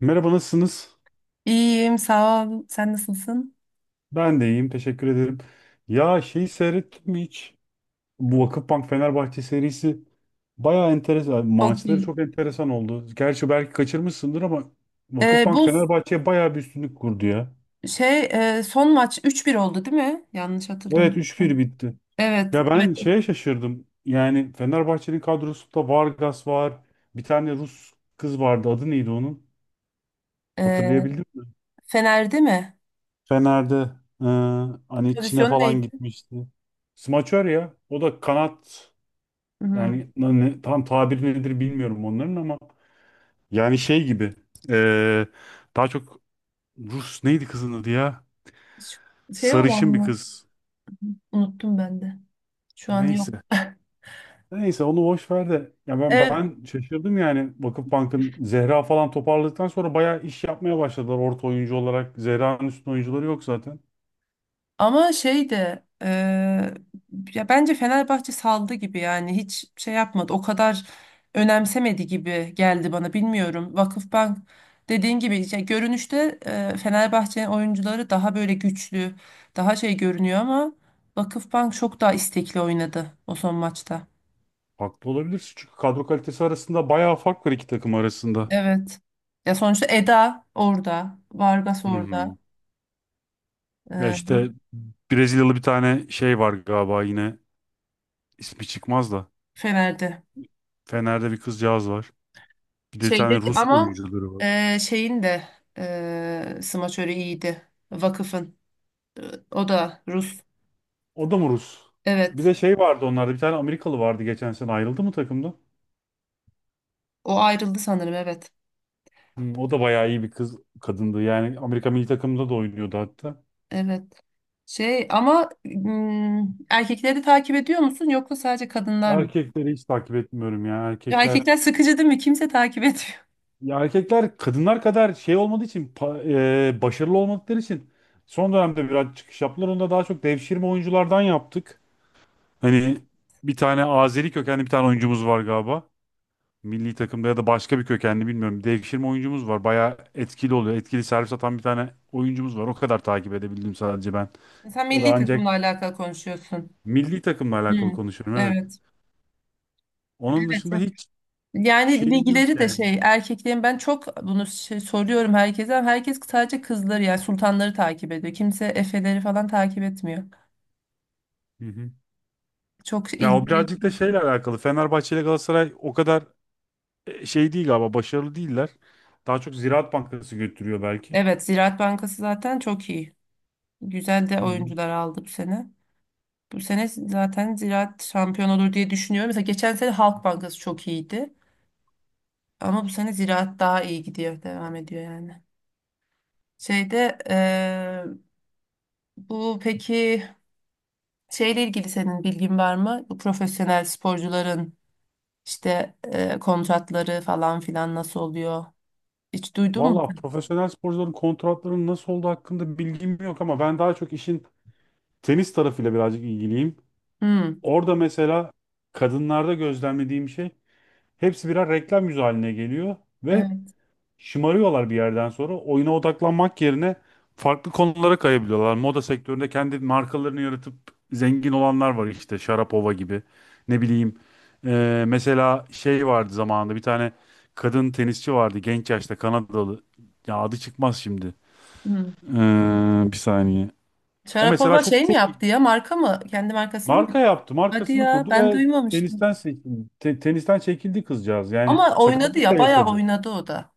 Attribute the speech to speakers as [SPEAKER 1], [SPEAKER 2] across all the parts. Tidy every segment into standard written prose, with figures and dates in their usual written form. [SPEAKER 1] Merhaba, nasılsınız?
[SPEAKER 2] İyiyim, sağ ol. Sen nasılsın?
[SPEAKER 1] Ben de iyiyim, teşekkür ederim. Ya şeyi seyrettin mi hiç? Bu Vakıfbank Fenerbahçe serisi bayağı enteresan.
[SPEAKER 2] Çok
[SPEAKER 1] Maçları
[SPEAKER 2] iyi.
[SPEAKER 1] çok enteresan oldu. Gerçi belki kaçırmışsındır ama
[SPEAKER 2] Ee,
[SPEAKER 1] Vakıfbank
[SPEAKER 2] bu
[SPEAKER 1] Fenerbahçe'ye bayağı bir üstünlük kurdu ya.
[SPEAKER 2] şey son maç 3-1 oldu değil mi? Yanlış hatırlamıyorum.
[SPEAKER 1] Evet, üç 1 bitti.
[SPEAKER 2] Evet.
[SPEAKER 1] Ya
[SPEAKER 2] Evet.
[SPEAKER 1] ben şeye şaşırdım. Yani Fenerbahçe'nin kadrosunda Vargas var. Bir tane Rus kız vardı. Adı neydi onun?
[SPEAKER 2] Ee,
[SPEAKER 1] Hatırlayabildim mi?
[SPEAKER 2] Fener'de mi?
[SPEAKER 1] Fener'de, e, hani Çin'e
[SPEAKER 2] Pozisyon
[SPEAKER 1] falan
[SPEAKER 2] neydi?
[SPEAKER 1] gitmişti. Smaçör ya. O da kanat.
[SPEAKER 2] Hmm.
[SPEAKER 1] Yani tam tabir nedir bilmiyorum onların ama yani şey gibi, eee, daha çok. Rus, neydi kızın adı ya?
[SPEAKER 2] Ş- Şey olan
[SPEAKER 1] Sarışın bir
[SPEAKER 2] mı?
[SPEAKER 1] kız.
[SPEAKER 2] Unuttum ben de. Şu an yok.
[SPEAKER 1] Neyse. Neyse onu boş ver de ya ben
[SPEAKER 2] Ee,
[SPEAKER 1] ben şaşırdım, yani Vakıfbank'ın Zehra falan toparladıktan sonra bayağı iş yapmaya başladılar orta oyuncu olarak. Zehra'nın üstün oyuncuları yok zaten.
[SPEAKER 2] Ama şey de ya bence Fenerbahçe saldı gibi yani hiç şey yapmadı. O kadar önemsemedi gibi geldi bana bilmiyorum. Vakıfbank dediğin gibi ya görünüşte Fenerbahçe'nin oyuncuları daha böyle güçlü, daha şey görünüyor ama Vakıfbank çok daha istekli oynadı o son maçta.
[SPEAKER 1] Haklı olabilirsin çünkü kadro kalitesi arasında bayağı fark var iki takım arasında.
[SPEAKER 2] Evet. Ya sonuçta Eda orada, Vargas
[SPEAKER 1] Hı
[SPEAKER 2] orada,
[SPEAKER 1] hı. Ya
[SPEAKER 2] eee
[SPEAKER 1] işte Brezilyalı bir tane şey var galiba yine, ismi çıkmaz da.
[SPEAKER 2] Fener'de.
[SPEAKER 1] Fener'de bir kızcağız var. Bir de bir
[SPEAKER 2] Şeyde
[SPEAKER 1] tane Rus
[SPEAKER 2] ama
[SPEAKER 1] oyuncuları var.
[SPEAKER 2] şeyin de smaçörü iyiydi. Vakıf'ın. E, O da Rus.
[SPEAKER 1] O da mı Rus? Bir
[SPEAKER 2] Evet.
[SPEAKER 1] de şey vardı onlarda. Bir tane Amerikalı vardı geçen sene. Ayrıldı mı takımda?
[SPEAKER 2] O ayrıldı sanırım. Evet.
[SPEAKER 1] Hmm, o da bayağı iyi bir kız, kadındı. Yani Amerika milli takımında da oynuyordu hatta.
[SPEAKER 2] Evet. Şey ama erkekleri takip ediyor musun yoksa sadece kadınlar mı?
[SPEAKER 1] Erkekleri hiç takip etmiyorum ya.
[SPEAKER 2] Ya
[SPEAKER 1] Erkekler,
[SPEAKER 2] erkekler sıkıcı değil mi? Kimse takip etmiyor.
[SPEAKER 1] ya erkekler kadınlar kadar şey olmadığı için, başarılı olmadıkları için son dönemde biraz çıkış yaptılar. Onu da daha çok devşirme oyunculardan yaptık. Hani bir tane Azeri kökenli bir tane oyuncumuz var galiba. Milli takımda ya da başka bir kökenli bilmiyorum. Devşirme oyuncumuz var. Bayağı etkili oluyor. Etkili servis atan bir tane oyuncumuz var. O kadar takip edebildim sadece ben.
[SPEAKER 2] Sen
[SPEAKER 1] O da
[SPEAKER 2] milli
[SPEAKER 1] ancak
[SPEAKER 2] takımla alakalı konuşuyorsun.
[SPEAKER 1] milli takımla
[SPEAKER 2] Hı.
[SPEAKER 1] alakalı konuşuyorum evet.
[SPEAKER 2] Evet.
[SPEAKER 1] Onun dışında
[SPEAKER 2] Evet.
[SPEAKER 1] hiç
[SPEAKER 2] Yani
[SPEAKER 1] şeyim yok
[SPEAKER 2] ligleri de
[SPEAKER 1] yani.
[SPEAKER 2] şey erkeklerin ben çok bunu şey, soruyorum herkese ama herkes sadece kızları yani sultanları takip ediyor. Kimse Efe'leri falan takip etmiyor.
[SPEAKER 1] Hı hı.
[SPEAKER 2] Çok
[SPEAKER 1] Ya o
[SPEAKER 2] ilgili.
[SPEAKER 1] birazcık da şeyle alakalı. Fenerbahçe ile Galatasaray o kadar şey değil galiba. Başarılı değiller. Daha çok Ziraat Bankası götürüyor belki.
[SPEAKER 2] Evet, Ziraat Bankası zaten çok iyi. Güzel de
[SPEAKER 1] Hı hı.
[SPEAKER 2] oyuncular aldı bu sene. Bu sene zaten Ziraat şampiyon olur diye düşünüyorum. Mesela geçen sene Halk Bankası çok iyiydi. Ama bu sene Ziraat daha iyi gidiyor. Devam ediyor yani. Şeyde bu peki şeyle ilgili senin bilgin var mı? Bu profesyonel sporcuların İşte kontratları falan filan nasıl oluyor? Hiç duydun mu?
[SPEAKER 1] Valla profesyonel sporcuların kontratlarının nasıl olduğu hakkında bilgim yok ama ben daha çok işin tenis tarafıyla birazcık ilgiliyim.
[SPEAKER 2] Hmm,
[SPEAKER 1] Orada mesela kadınlarda gözlemlediğim şey, hepsi birer reklam yüzü haline geliyor ve
[SPEAKER 2] evet.
[SPEAKER 1] şımarıyorlar bir yerden sonra. Oyuna odaklanmak yerine farklı konulara kayabiliyorlar. Moda sektöründe kendi markalarını yaratıp zengin olanlar var, işte Sharapova gibi. Ne bileyim, mesela şey vardı zamanında, bir tane kadın tenisçi vardı genç yaşta, Kanadalı. Ya adı çıkmaz şimdi.
[SPEAKER 2] Hmm.
[SPEAKER 1] Bir saniye. O mesela
[SPEAKER 2] Sharapova
[SPEAKER 1] çok
[SPEAKER 2] şey mi
[SPEAKER 1] çok
[SPEAKER 2] yaptı ya? Marka mı? Kendi markasını mı?
[SPEAKER 1] marka yaptı,
[SPEAKER 2] Hadi
[SPEAKER 1] markasını
[SPEAKER 2] ya,
[SPEAKER 1] kurdu
[SPEAKER 2] ben
[SPEAKER 1] ve
[SPEAKER 2] duymamıştım.
[SPEAKER 1] tenisten seçildi. Tenisten çekildi kızcağız. Yani
[SPEAKER 2] Ama oynadı
[SPEAKER 1] sakatlık da
[SPEAKER 2] ya, bayağı
[SPEAKER 1] yaşadı.
[SPEAKER 2] oynadı o da.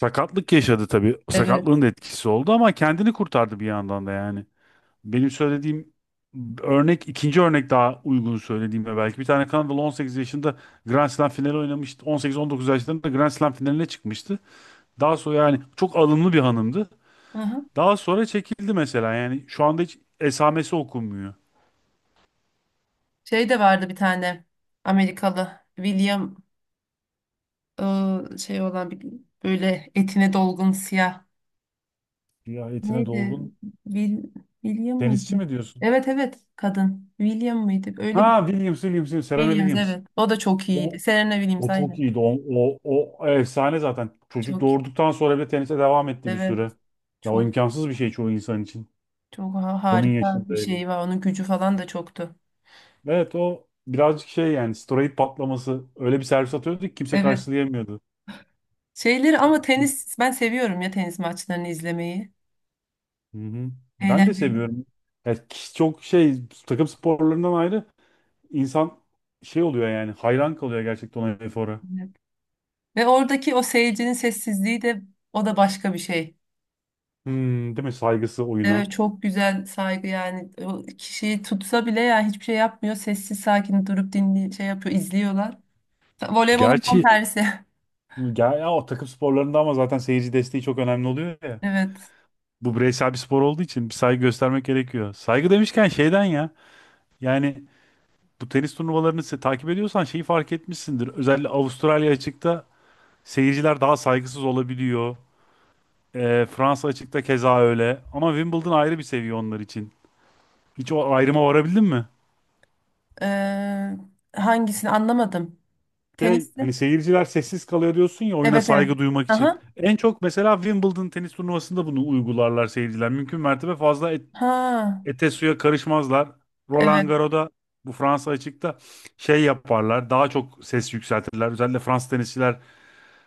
[SPEAKER 1] Sakatlık yaşadı tabii.
[SPEAKER 2] Evet.
[SPEAKER 1] Sakatlığın da etkisi oldu ama kendini kurtardı bir yandan da yani. Benim söylediğim örnek, ikinci örnek daha uygun söylediğimde belki. Bir tane Kanadalı 18 yaşında Grand Slam finali oynamıştı. 18-19 yaşlarında Grand Slam finaline çıkmıştı. Daha sonra, yani çok alımlı bir hanımdı.
[SPEAKER 2] Aha.
[SPEAKER 1] Daha sonra çekildi mesela, yani şu anda hiç esamesi okunmuyor.
[SPEAKER 2] Şey de vardı bir tane Amerikalı William şey olan bir böyle etine dolgun siyah.
[SPEAKER 1] Ya etine
[SPEAKER 2] Neydi?
[SPEAKER 1] dolgun
[SPEAKER 2] Wil- William mıydı?
[SPEAKER 1] tenisçi mi diyorsun?
[SPEAKER 2] Evet, evet, kadın. William mıydı? Öyle bir
[SPEAKER 1] Ha, Williams, Williams, Williams, Serena
[SPEAKER 2] Williams
[SPEAKER 1] Williams.
[SPEAKER 2] evet. O da çok iyiydi.
[SPEAKER 1] O,
[SPEAKER 2] Serena Williams
[SPEAKER 1] o çok
[SPEAKER 2] aynen.
[SPEAKER 1] iyiydi. O efsane zaten. Çocuk
[SPEAKER 2] Çok iyi.
[SPEAKER 1] doğurduktan sonra bile tenise devam etti bir
[SPEAKER 2] Evet.
[SPEAKER 1] süre. Ya o
[SPEAKER 2] Çok
[SPEAKER 1] imkansız bir şey çoğu insan için. Onun
[SPEAKER 2] Harika
[SPEAKER 1] yaşında
[SPEAKER 2] bir
[SPEAKER 1] öyle.
[SPEAKER 2] şey var. Onun gücü falan da çoktu.
[SPEAKER 1] Evet, o birazcık şey yani, steroid patlaması. Öyle bir servis atıyordu ki kimse
[SPEAKER 2] Evet.
[SPEAKER 1] karşılayamıyordu.
[SPEAKER 2] Şeyleri ama tenis ben seviyorum ya, tenis maçlarını izlemeyi.
[SPEAKER 1] Hı hı. Ben de
[SPEAKER 2] Eğlenceli.
[SPEAKER 1] seviyorum. Ya çok şey, takım sporlarından ayrı, insan şey oluyor yani, hayran kalıyor gerçekten ona, efora.
[SPEAKER 2] Evet. Ve oradaki o seyircinin sessizliği de o da başka bir şey.
[SPEAKER 1] Hmm, değil mi? Saygısı
[SPEAKER 2] Evet,
[SPEAKER 1] oyuna.
[SPEAKER 2] çok güzel saygı, yani o kişiyi tutsa bile yani hiçbir şey yapmıyor. Sessiz sakin durup dinli şey yapıyor, izliyorlar. Voleybolun tam
[SPEAKER 1] Gerçi.
[SPEAKER 2] tersi.
[SPEAKER 1] Ya o takım sporlarında ama zaten seyirci desteği çok önemli oluyor ya.
[SPEAKER 2] Evet.
[SPEAKER 1] Bu bireysel bir spor olduğu için bir saygı göstermek gerekiyor. Saygı demişken şeyden ya. Yani bu tenis turnuvalarını takip ediyorsan şeyi fark etmişsindir. Özellikle Avustralya açıkta seyirciler daha saygısız olabiliyor. Fransa açıkta keza öyle. Ama Wimbledon ayrı bir seviye onlar için. Hiç o ayrıma varabildin mi?
[SPEAKER 2] Ee, Hangisini anlamadım.
[SPEAKER 1] Şey, hani
[SPEAKER 2] Tenisli.
[SPEAKER 1] seyirciler sessiz kalıyor diyorsun ya, oyuna
[SPEAKER 2] Evet, evet.
[SPEAKER 1] saygı duymak için.
[SPEAKER 2] Aha.
[SPEAKER 1] En çok mesela Wimbledon tenis turnuvasında bunu uygularlar seyirciler. Mümkün mertebe fazla
[SPEAKER 2] Ha.
[SPEAKER 1] ete suya karışmazlar. Roland
[SPEAKER 2] Evet.
[SPEAKER 1] Garros'da, bu Fransa açıkta, şey yaparlar. Daha çok ses yükseltirler. Özellikle Fransız tenisçiler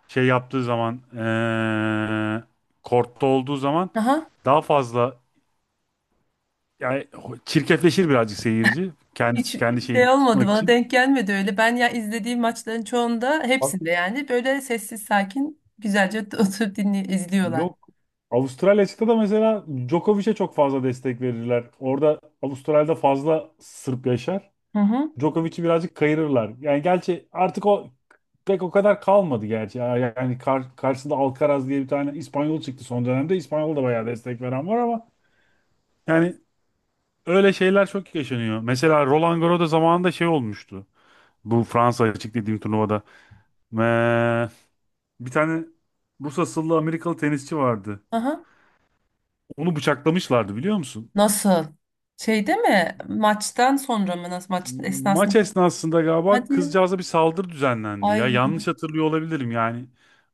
[SPEAKER 1] şey yaptığı zaman, kortta olduğu zaman
[SPEAKER 2] Aha.
[SPEAKER 1] daha fazla, yani çirkefleşir birazcık seyirci.
[SPEAKER 2] Hiç
[SPEAKER 1] Kendisi kendi şeyini
[SPEAKER 2] şey olmadı,
[SPEAKER 1] tutmak
[SPEAKER 2] bana
[SPEAKER 1] için.
[SPEAKER 2] denk gelmedi öyle. Ben ya izlediğim maçların çoğunda
[SPEAKER 1] Bak,
[SPEAKER 2] hepsinde yani böyle sessiz sakin güzelce oturup dinli izliyorlar.
[SPEAKER 1] yok. Avustralya açıkta da mesela Djokovic'e çok fazla destek verirler. Orada Avustralya'da fazla Sırp yaşar.
[SPEAKER 2] Hı hı.
[SPEAKER 1] Djokovic'i birazcık kayırırlar. Yani gerçi artık o pek o kadar kalmadı gerçi. Yani karşısında Alcaraz diye bir tane İspanyol çıktı son dönemde. İspanyol da bayağı destek veren var ama yani, öyle şeyler çok yaşanıyor. Mesela Roland Garros'da zamanında şey olmuştu. Bu Fransa açık dediğim turnuvada. Eee, bir tane Rus asıllı Amerikalı tenisçi vardı.
[SPEAKER 2] Aha.
[SPEAKER 1] Onu bıçaklamışlardı, biliyor musun?
[SPEAKER 2] Nasıl? Şeyde mi? Maçtan sonra mı? Nasıl, maç
[SPEAKER 1] Maç
[SPEAKER 2] esnasında?
[SPEAKER 1] esnasında galiba
[SPEAKER 2] Hadi ya.
[SPEAKER 1] kızcağıza bir saldırı düzenlendi ya.
[SPEAKER 2] Ay
[SPEAKER 1] Yanlış hatırlıyor olabilirim yani.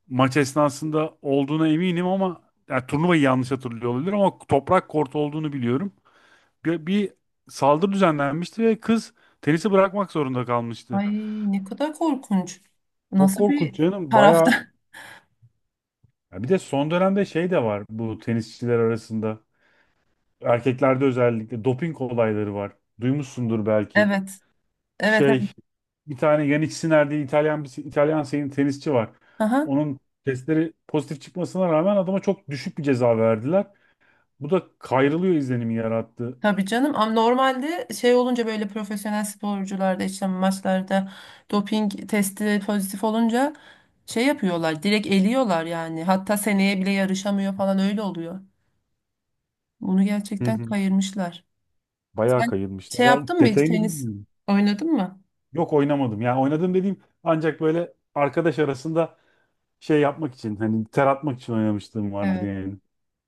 [SPEAKER 1] Maç esnasında olduğuna eminim ama yani turnuvayı yanlış hatırlıyor olabilirim ama toprak kort olduğunu biliyorum. Bir saldırı düzenlenmişti ve kız tenisi bırakmak zorunda kalmıştı.
[SPEAKER 2] ay, ne kadar korkunç.
[SPEAKER 1] Çok
[SPEAKER 2] Nasıl
[SPEAKER 1] korkunç
[SPEAKER 2] bir
[SPEAKER 1] canım.
[SPEAKER 2] tarafta?
[SPEAKER 1] Bayağı. Ya bir de son dönemde şey de var bu tenisçiler arasında. Erkeklerde özellikle doping olayları var. Duymuşsundur belki.
[SPEAKER 2] Evet. Evet,
[SPEAKER 1] Şey,
[SPEAKER 2] evet.
[SPEAKER 1] bir tane Yannick Sinner diye İtalyan, bir İtalyan sayın tenisçi var.
[SPEAKER 2] Aha.
[SPEAKER 1] Onun testleri pozitif çıkmasına rağmen adama çok düşük bir ceza verdiler. Bu da kayrılıyor izlenimi yarattı.
[SPEAKER 2] Tabii canım, ama normalde şey olunca böyle profesyonel sporcularda işte maçlarda doping testi pozitif olunca şey yapıyorlar, direkt eliyorlar yani, hatta seneye bile yarışamıyor falan öyle oluyor. Bunu
[SPEAKER 1] Hı
[SPEAKER 2] gerçekten
[SPEAKER 1] hı.
[SPEAKER 2] kayırmışlar.
[SPEAKER 1] Bayağı
[SPEAKER 2] Sen
[SPEAKER 1] kayılmışlar.
[SPEAKER 2] şey
[SPEAKER 1] Ben
[SPEAKER 2] yaptın mı hiç,
[SPEAKER 1] detayını
[SPEAKER 2] tenis
[SPEAKER 1] bilmiyorum.
[SPEAKER 2] oynadın mı?
[SPEAKER 1] Yok, oynamadım. Yani oynadım dediğim ancak böyle arkadaş arasında şey yapmak için, hani ter atmak için oynamışlığım vardır
[SPEAKER 2] Evet.
[SPEAKER 1] yani.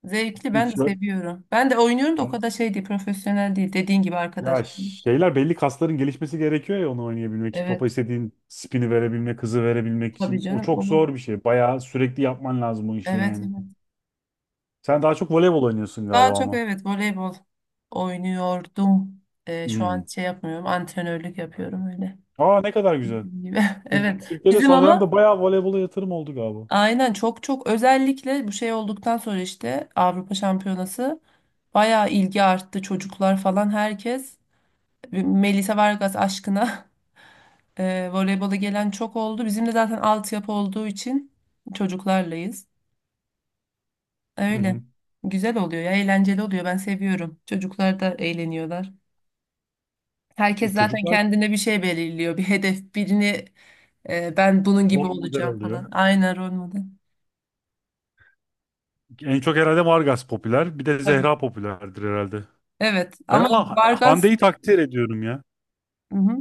[SPEAKER 2] Zevkli, ben de
[SPEAKER 1] Hiç ö-
[SPEAKER 2] seviyorum. Ben de oynuyorum da o
[SPEAKER 1] Ben-
[SPEAKER 2] kadar şey değil, profesyonel değil, dediğin gibi arkadaş.
[SPEAKER 1] Ya şeyler, belli kasların gelişmesi gerekiyor ya onu oynayabilmek için. Topa
[SPEAKER 2] Evet,
[SPEAKER 1] istediğin spini verebilmek, hızı verebilmek
[SPEAKER 2] tabii
[SPEAKER 1] için. O
[SPEAKER 2] canım
[SPEAKER 1] çok
[SPEAKER 2] o.
[SPEAKER 1] zor bir şey. Bayağı sürekli yapman lazım o işi
[SPEAKER 2] Evet,
[SPEAKER 1] yani.
[SPEAKER 2] evet.
[SPEAKER 1] Sen daha çok voleybol oynuyorsun
[SPEAKER 2] Daha
[SPEAKER 1] galiba
[SPEAKER 2] çok
[SPEAKER 1] ama.
[SPEAKER 2] evet, voleybol oynuyordum. Şu an
[SPEAKER 1] Hmm.
[SPEAKER 2] şey yapmıyorum. Antrenörlük yapıyorum öyle.
[SPEAKER 1] Aa, ne kadar güzel.
[SPEAKER 2] Bildiğin gibi. Evet.
[SPEAKER 1] Türkiye'de
[SPEAKER 2] Bizim
[SPEAKER 1] son dönemde
[SPEAKER 2] ama
[SPEAKER 1] bayağı voleybola yatırım oldu galiba.
[SPEAKER 2] aynen, çok çok özellikle bu şey olduktan sonra işte Avrupa Şampiyonası bayağı ilgi arttı. Çocuklar falan herkes Melisa Vargas aşkına voleybola gelen çok oldu. Bizim de zaten altyapı olduğu için çocuklarlayız.
[SPEAKER 1] Hı
[SPEAKER 2] Öyle.
[SPEAKER 1] hı.
[SPEAKER 2] Güzel oluyor ya, eğlenceli oluyor. Ben seviyorum. Çocuklar da eğleniyorlar. Herkes zaten
[SPEAKER 1] Çocuklar
[SPEAKER 2] kendine bir şey belirliyor, bir hedef, birini ben bunun gibi
[SPEAKER 1] rol model
[SPEAKER 2] olacağım
[SPEAKER 1] alıyor.
[SPEAKER 2] falan. Aynen, rol model.
[SPEAKER 1] En çok herhalde Vargas popüler. Bir de
[SPEAKER 2] Tabii.
[SPEAKER 1] Zehra popülerdir herhalde.
[SPEAKER 2] Evet
[SPEAKER 1] Ben
[SPEAKER 2] ama
[SPEAKER 1] ama
[SPEAKER 2] Vargas
[SPEAKER 1] Hande'yi takdir ediyorum ya.
[SPEAKER 2] hı hı.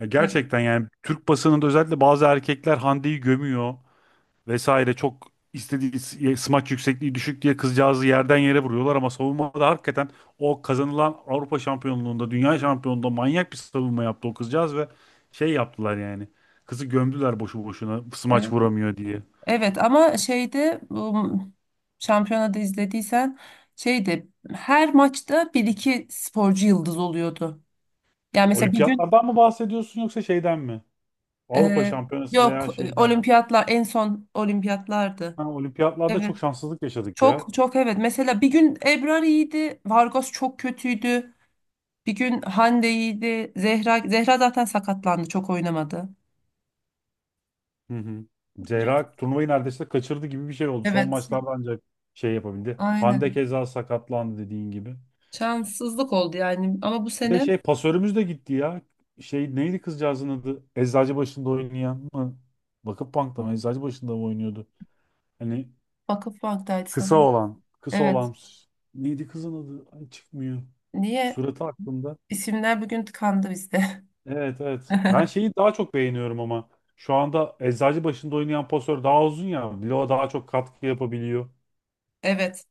[SPEAKER 1] Ya
[SPEAKER 2] Evet,
[SPEAKER 1] gerçekten, yani Türk basınında özellikle bazı erkekler Hande'yi gömüyor vesaire. Çok istediği smaç yüksekliği düşük diye kızcağızı yerden yere vuruyorlar ama savunmada hakikaten o kazanılan Avrupa şampiyonluğunda, dünya şampiyonluğunda manyak bir savunma yaptı o kızcağız ve şey yaptılar yani. Kızı gömdüler boşu boşuna, smaç
[SPEAKER 2] evet.
[SPEAKER 1] vuramıyor diye.
[SPEAKER 2] Evet, ama şeyde bu şampiyonada izlediysen şeyde her maçta bir iki sporcu yıldız oluyordu. Yani mesela bir gün
[SPEAKER 1] Olimpiyatlardan mı bahsediyorsun yoksa şeyden mi? Avrupa
[SPEAKER 2] e,
[SPEAKER 1] şampiyonası veya
[SPEAKER 2] yok
[SPEAKER 1] şeyden mi?
[SPEAKER 2] olimpiyatlar, en son olimpiyatlardı.
[SPEAKER 1] Ha, olimpiyatlarda
[SPEAKER 2] Evet.
[SPEAKER 1] çok şanssızlık yaşadık ya.
[SPEAKER 2] Çok çok, evet. Mesela bir gün Ebrar iyiydi, Vargas çok kötüydü. Bir gün Hande'ydi. Zehra zaten sakatlandı, çok oynamadı.
[SPEAKER 1] Hı hı.
[SPEAKER 2] Biraz.
[SPEAKER 1] Zehra turnuvayı neredeyse kaçırdı gibi bir şey oldu. Son
[SPEAKER 2] Evet,
[SPEAKER 1] maçlarda ancak şey yapabildi. Hande
[SPEAKER 2] aynen.
[SPEAKER 1] keza sakatlandı dediğin gibi.
[SPEAKER 2] Şanssızlık oldu yani. Ama bu
[SPEAKER 1] Bir de
[SPEAKER 2] sene
[SPEAKER 1] şey, pasörümüz de gitti ya. Şey, neydi kızcağızın adı? Eczacıbaşı'nda oynayan mı? Vakıfbank'ta mı? Eczacıbaşı'nda mı oynuyordu? Hani
[SPEAKER 2] Vakıf Bank'taydı
[SPEAKER 1] kısa
[SPEAKER 2] sanırım.
[SPEAKER 1] olan. Kısa
[SPEAKER 2] Evet.
[SPEAKER 1] olan. Neydi kızın adı? Ay, çıkmıyor.
[SPEAKER 2] Niye?
[SPEAKER 1] Suratı aklımda.
[SPEAKER 2] İsimler bugün tıkandı bizde.
[SPEAKER 1] Evet, evet. Ben şeyi daha çok beğeniyorum ama. Şu anda eczacı başında oynayan pasör daha uzun ya. Bloğa daha çok katkı yapabiliyor.
[SPEAKER 2] Evet.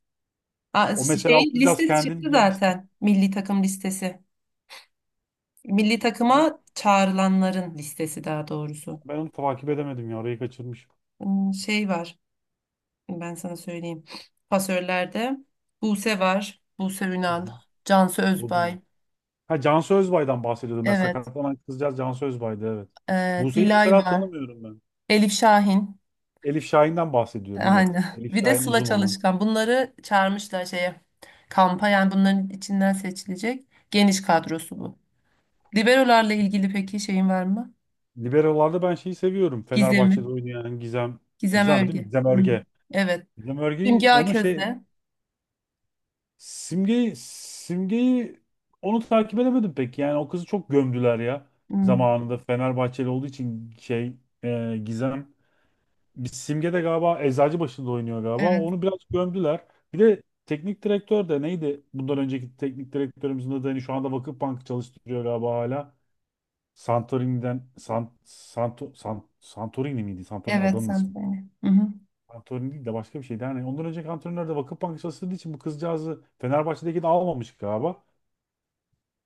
[SPEAKER 2] Aa,
[SPEAKER 1] O
[SPEAKER 2] şey
[SPEAKER 1] mesela okuyacağız,
[SPEAKER 2] listesi
[SPEAKER 1] kendini
[SPEAKER 2] çıktı
[SPEAKER 1] geliştir.
[SPEAKER 2] zaten. Milli takım listesi. Milli takıma çağrılanların listesi, daha doğrusu.
[SPEAKER 1] Ben onu takip edemedim ya. Orayı kaçırmışım.
[SPEAKER 2] Hmm, şey var. Ben sana söyleyeyim. Pasörlerde Buse var. Buse
[SPEAKER 1] Hı
[SPEAKER 2] Ünal.
[SPEAKER 1] hı.
[SPEAKER 2] Cansu
[SPEAKER 1] O değil.
[SPEAKER 2] Özbay.
[SPEAKER 1] Ha, Cansu Özbay'dan bahsediyordum. Mesela
[SPEAKER 2] Evet.
[SPEAKER 1] sakatlanan kızcağız Cansu Özbay'dı evet. Buse'yi
[SPEAKER 2] Dilay
[SPEAKER 1] mesela
[SPEAKER 2] var.
[SPEAKER 1] tanımıyorum ben.
[SPEAKER 2] Elif Şahin.
[SPEAKER 1] Elif Şahin'den bahsediyorum evet.
[SPEAKER 2] Aynen.
[SPEAKER 1] Elif
[SPEAKER 2] Bir de
[SPEAKER 1] Şahin
[SPEAKER 2] Sıla
[SPEAKER 1] uzun olan.
[SPEAKER 2] Çalışkan. Bunları çağırmışlar şeye. Kampa yani, bunların içinden seçilecek geniş kadrosu bu. Liberolarla ilgili peki şeyin var mı?
[SPEAKER 1] Liberolarda ben şeyi seviyorum.
[SPEAKER 2] Gizem'i.
[SPEAKER 1] Fenerbahçe'de oynayan Gizem.
[SPEAKER 2] Gizem
[SPEAKER 1] Gizem değil mi?
[SPEAKER 2] Ölge.
[SPEAKER 1] Gizem
[SPEAKER 2] Hı.
[SPEAKER 1] Örge.
[SPEAKER 2] Evet.
[SPEAKER 1] Gizem Örge'yi,
[SPEAKER 2] Simge
[SPEAKER 1] onun şey,
[SPEAKER 2] Aköz'de.
[SPEAKER 1] Simge'yi onu takip edemedim pek. Yani o kızı çok gömdüler ya.
[SPEAKER 2] Hı.
[SPEAKER 1] Zamanında Fenerbahçeli olduğu için şey, Gizem. Bir Simge de galiba Eczacıbaşı'nda oynuyor galiba.
[SPEAKER 2] Evet.
[SPEAKER 1] Onu biraz gömdüler. Bir de teknik direktör de neydi? Bundan önceki teknik direktörümüzün adı, hani şu anda Vakıfbank'ı çalıştırıyor galiba hala. Santorini'den Santorini miydi? Santorini
[SPEAKER 2] Evet,
[SPEAKER 1] adamın
[SPEAKER 2] sen
[SPEAKER 1] ismi.
[SPEAKER 2] söyle. Hı hı.
[SPEAKER 1] Santorini değil de başka bir şeydi. Yani ondan önceki antrenör de Vakıfbank'ı çalıştırdığı için bu kızcağızı, Fenerbahçe'deki de, almamış galiba.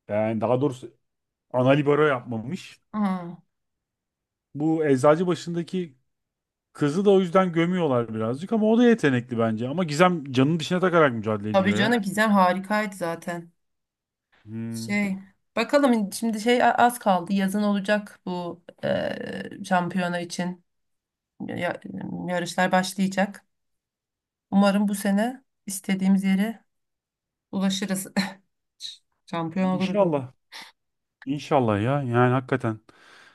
[SPEAKER 1] Yani daha doğrusu ana libero yapmamış.
[SPEAKER 2] Hı.
[SPEAKER 1] Bu Eczacıbaşı'ndaki kızı da o yüzden gömüyorlar birazcık ama o da yetenekli bence. Ama Gizem canını dişine takarak mücadele
[SPEAKER 2] Tabii
[SPEAKER 1] ediyor ya.
[SPEAKER 2] canım, Gizem harikaydı zaten.
[SPEAKER 1] Hmm.
[SPEAKER 2] Şey, bakalım şimdi şey az kaldı. Yazın olacak bu şampiyona için. ya- Yarışlar başlayacak. Umarım bu sene istediğimiz yere ulaşırız. Şampiyon oluruz ya.
[SPEAKER 1] İnşallah. İnşallah ya. Yani hakikaten.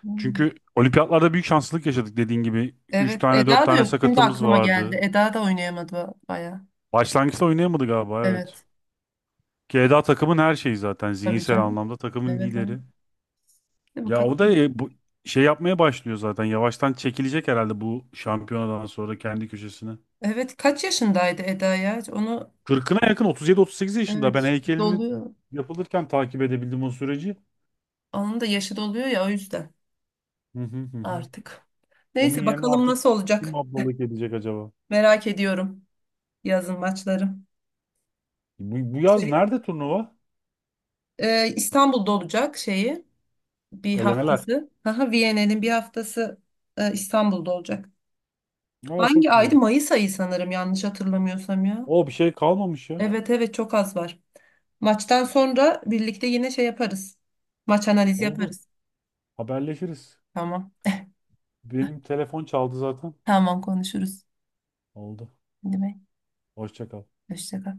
[SPEAKER 2] Hmm.
[SPEAKER 1] Çünkü olimpiyatlarda büyük şanslılık yaşadık dediğin gibi. 3
[SPEAKER 2] Evet,
[SPEAKER 1] tane, 4
[SPEAKER 2] Eda da
[SPEAKER 1] tane
[SPEAKER 2] yok. Şimdi
[SPEAKER 1] sakatımız
[SPEAKER 2] aklıma geldi.
[SPEAKER 1] vardı.
[SPEAKER 2] Eda da oynayamadı baya.
[SPEAKER 1] Başlangıçta oynayamadı galiba evet.
[SPEAKER 2] Evet,
[SPEAKER 1] Keda takımın her şeyi zaten.
[SPEAKER 2] tabii
[SPEAKER 1] Zihinsel
[SPEAKER 2] canım.
[SPEAKER 1] anlamda takımın
[SPEAKER 2] Evet, evet.
[SPEAKER 1] lideri.
[SPEAKER 2] Hadi
[SPEAKER 1] Ya o da,
[SPEAKER 2] bakalım.
[SPEAKER 1] bu şey yapmaya başlıyor zaten. Yavaştan çekilecek herhalde bu şampiyonadan sonra kendi köşesine.
[SPEAKER 2] Evet, kaç yaşındaydı Eda ya? Onu
[SPEAKER 1] Kırkına yakın, 37, 38 yaşında. Ben
[SPEAKER 2] evet
[SPEAKER 1] heykelini
[SPEAKER 2] doluyor.
[SPEAKER 1] yapılırken takip edebildim o süreci.
[SPEAKER 2] Onun da yaşı doluyor ya, o yüzden
[SPEAKER 1] Hı hı hı. Hı.
[SPEAKER 2] artık.
[SPEAKER 1] Onun
[SPEAKER 2] Neyse
[SPEAKER 1] yerine
[SPEAKER 2] bakalım
[SPEAKER 1] artık
[SPEAKER 2] nasıl
[SPEAKER 1] kim
[SPEAKER 2] olacak.
[SPEAKER 1] ablalık edecek acaba?
[SPEAKER 2] Merak ediyorum yazın maçları.
[SPEAKER 1] Bu yaz
[SPEAKER 2] Şey,
[SPEAKER 1] nerede turnuva?
[SPEAKER 2] İstanbul'da olacak şeyi. Bir
[SPEAKER 1] Elemeler.
[SPEAKER 2] haftası. Haha, Viyana'nın bir haftası İstanbul'da olacak.
[SPEAKER 1] Aa,
[SPEAKER 2] Hangi
[SPEAKER 1] çok
[SPEAKER 2] aydı?
[SPEAKER 1] güzel.
[SPEAKER 2] Mayıs ayı sanırım, yanlış hatırlamıyorsam ya.
[SPEAKER 1] O, bir şey kalmamış ya.
[SPEAKER 2] Evet, evet, çok az var. Maçtan sonra birlikte yine şey yaparız. Maç analizi
[SPEAKER 1] Oldu.
[SPEAKER 2] yaparız.
[SPEAKER 1] Haberleşiriz.
[SPEAKER 2] Tamam.
[SPEAKER 1] Benim telefon çaldı zaten.
[SPEAKER 2] Tamam, konuşuruz.
[SPEAKER 1] Oldu.
[SPEAKER 2] Değil mi?
[SPEAKER 1] Hoşça kal.
[SPEAKER 2] Hoşça kal.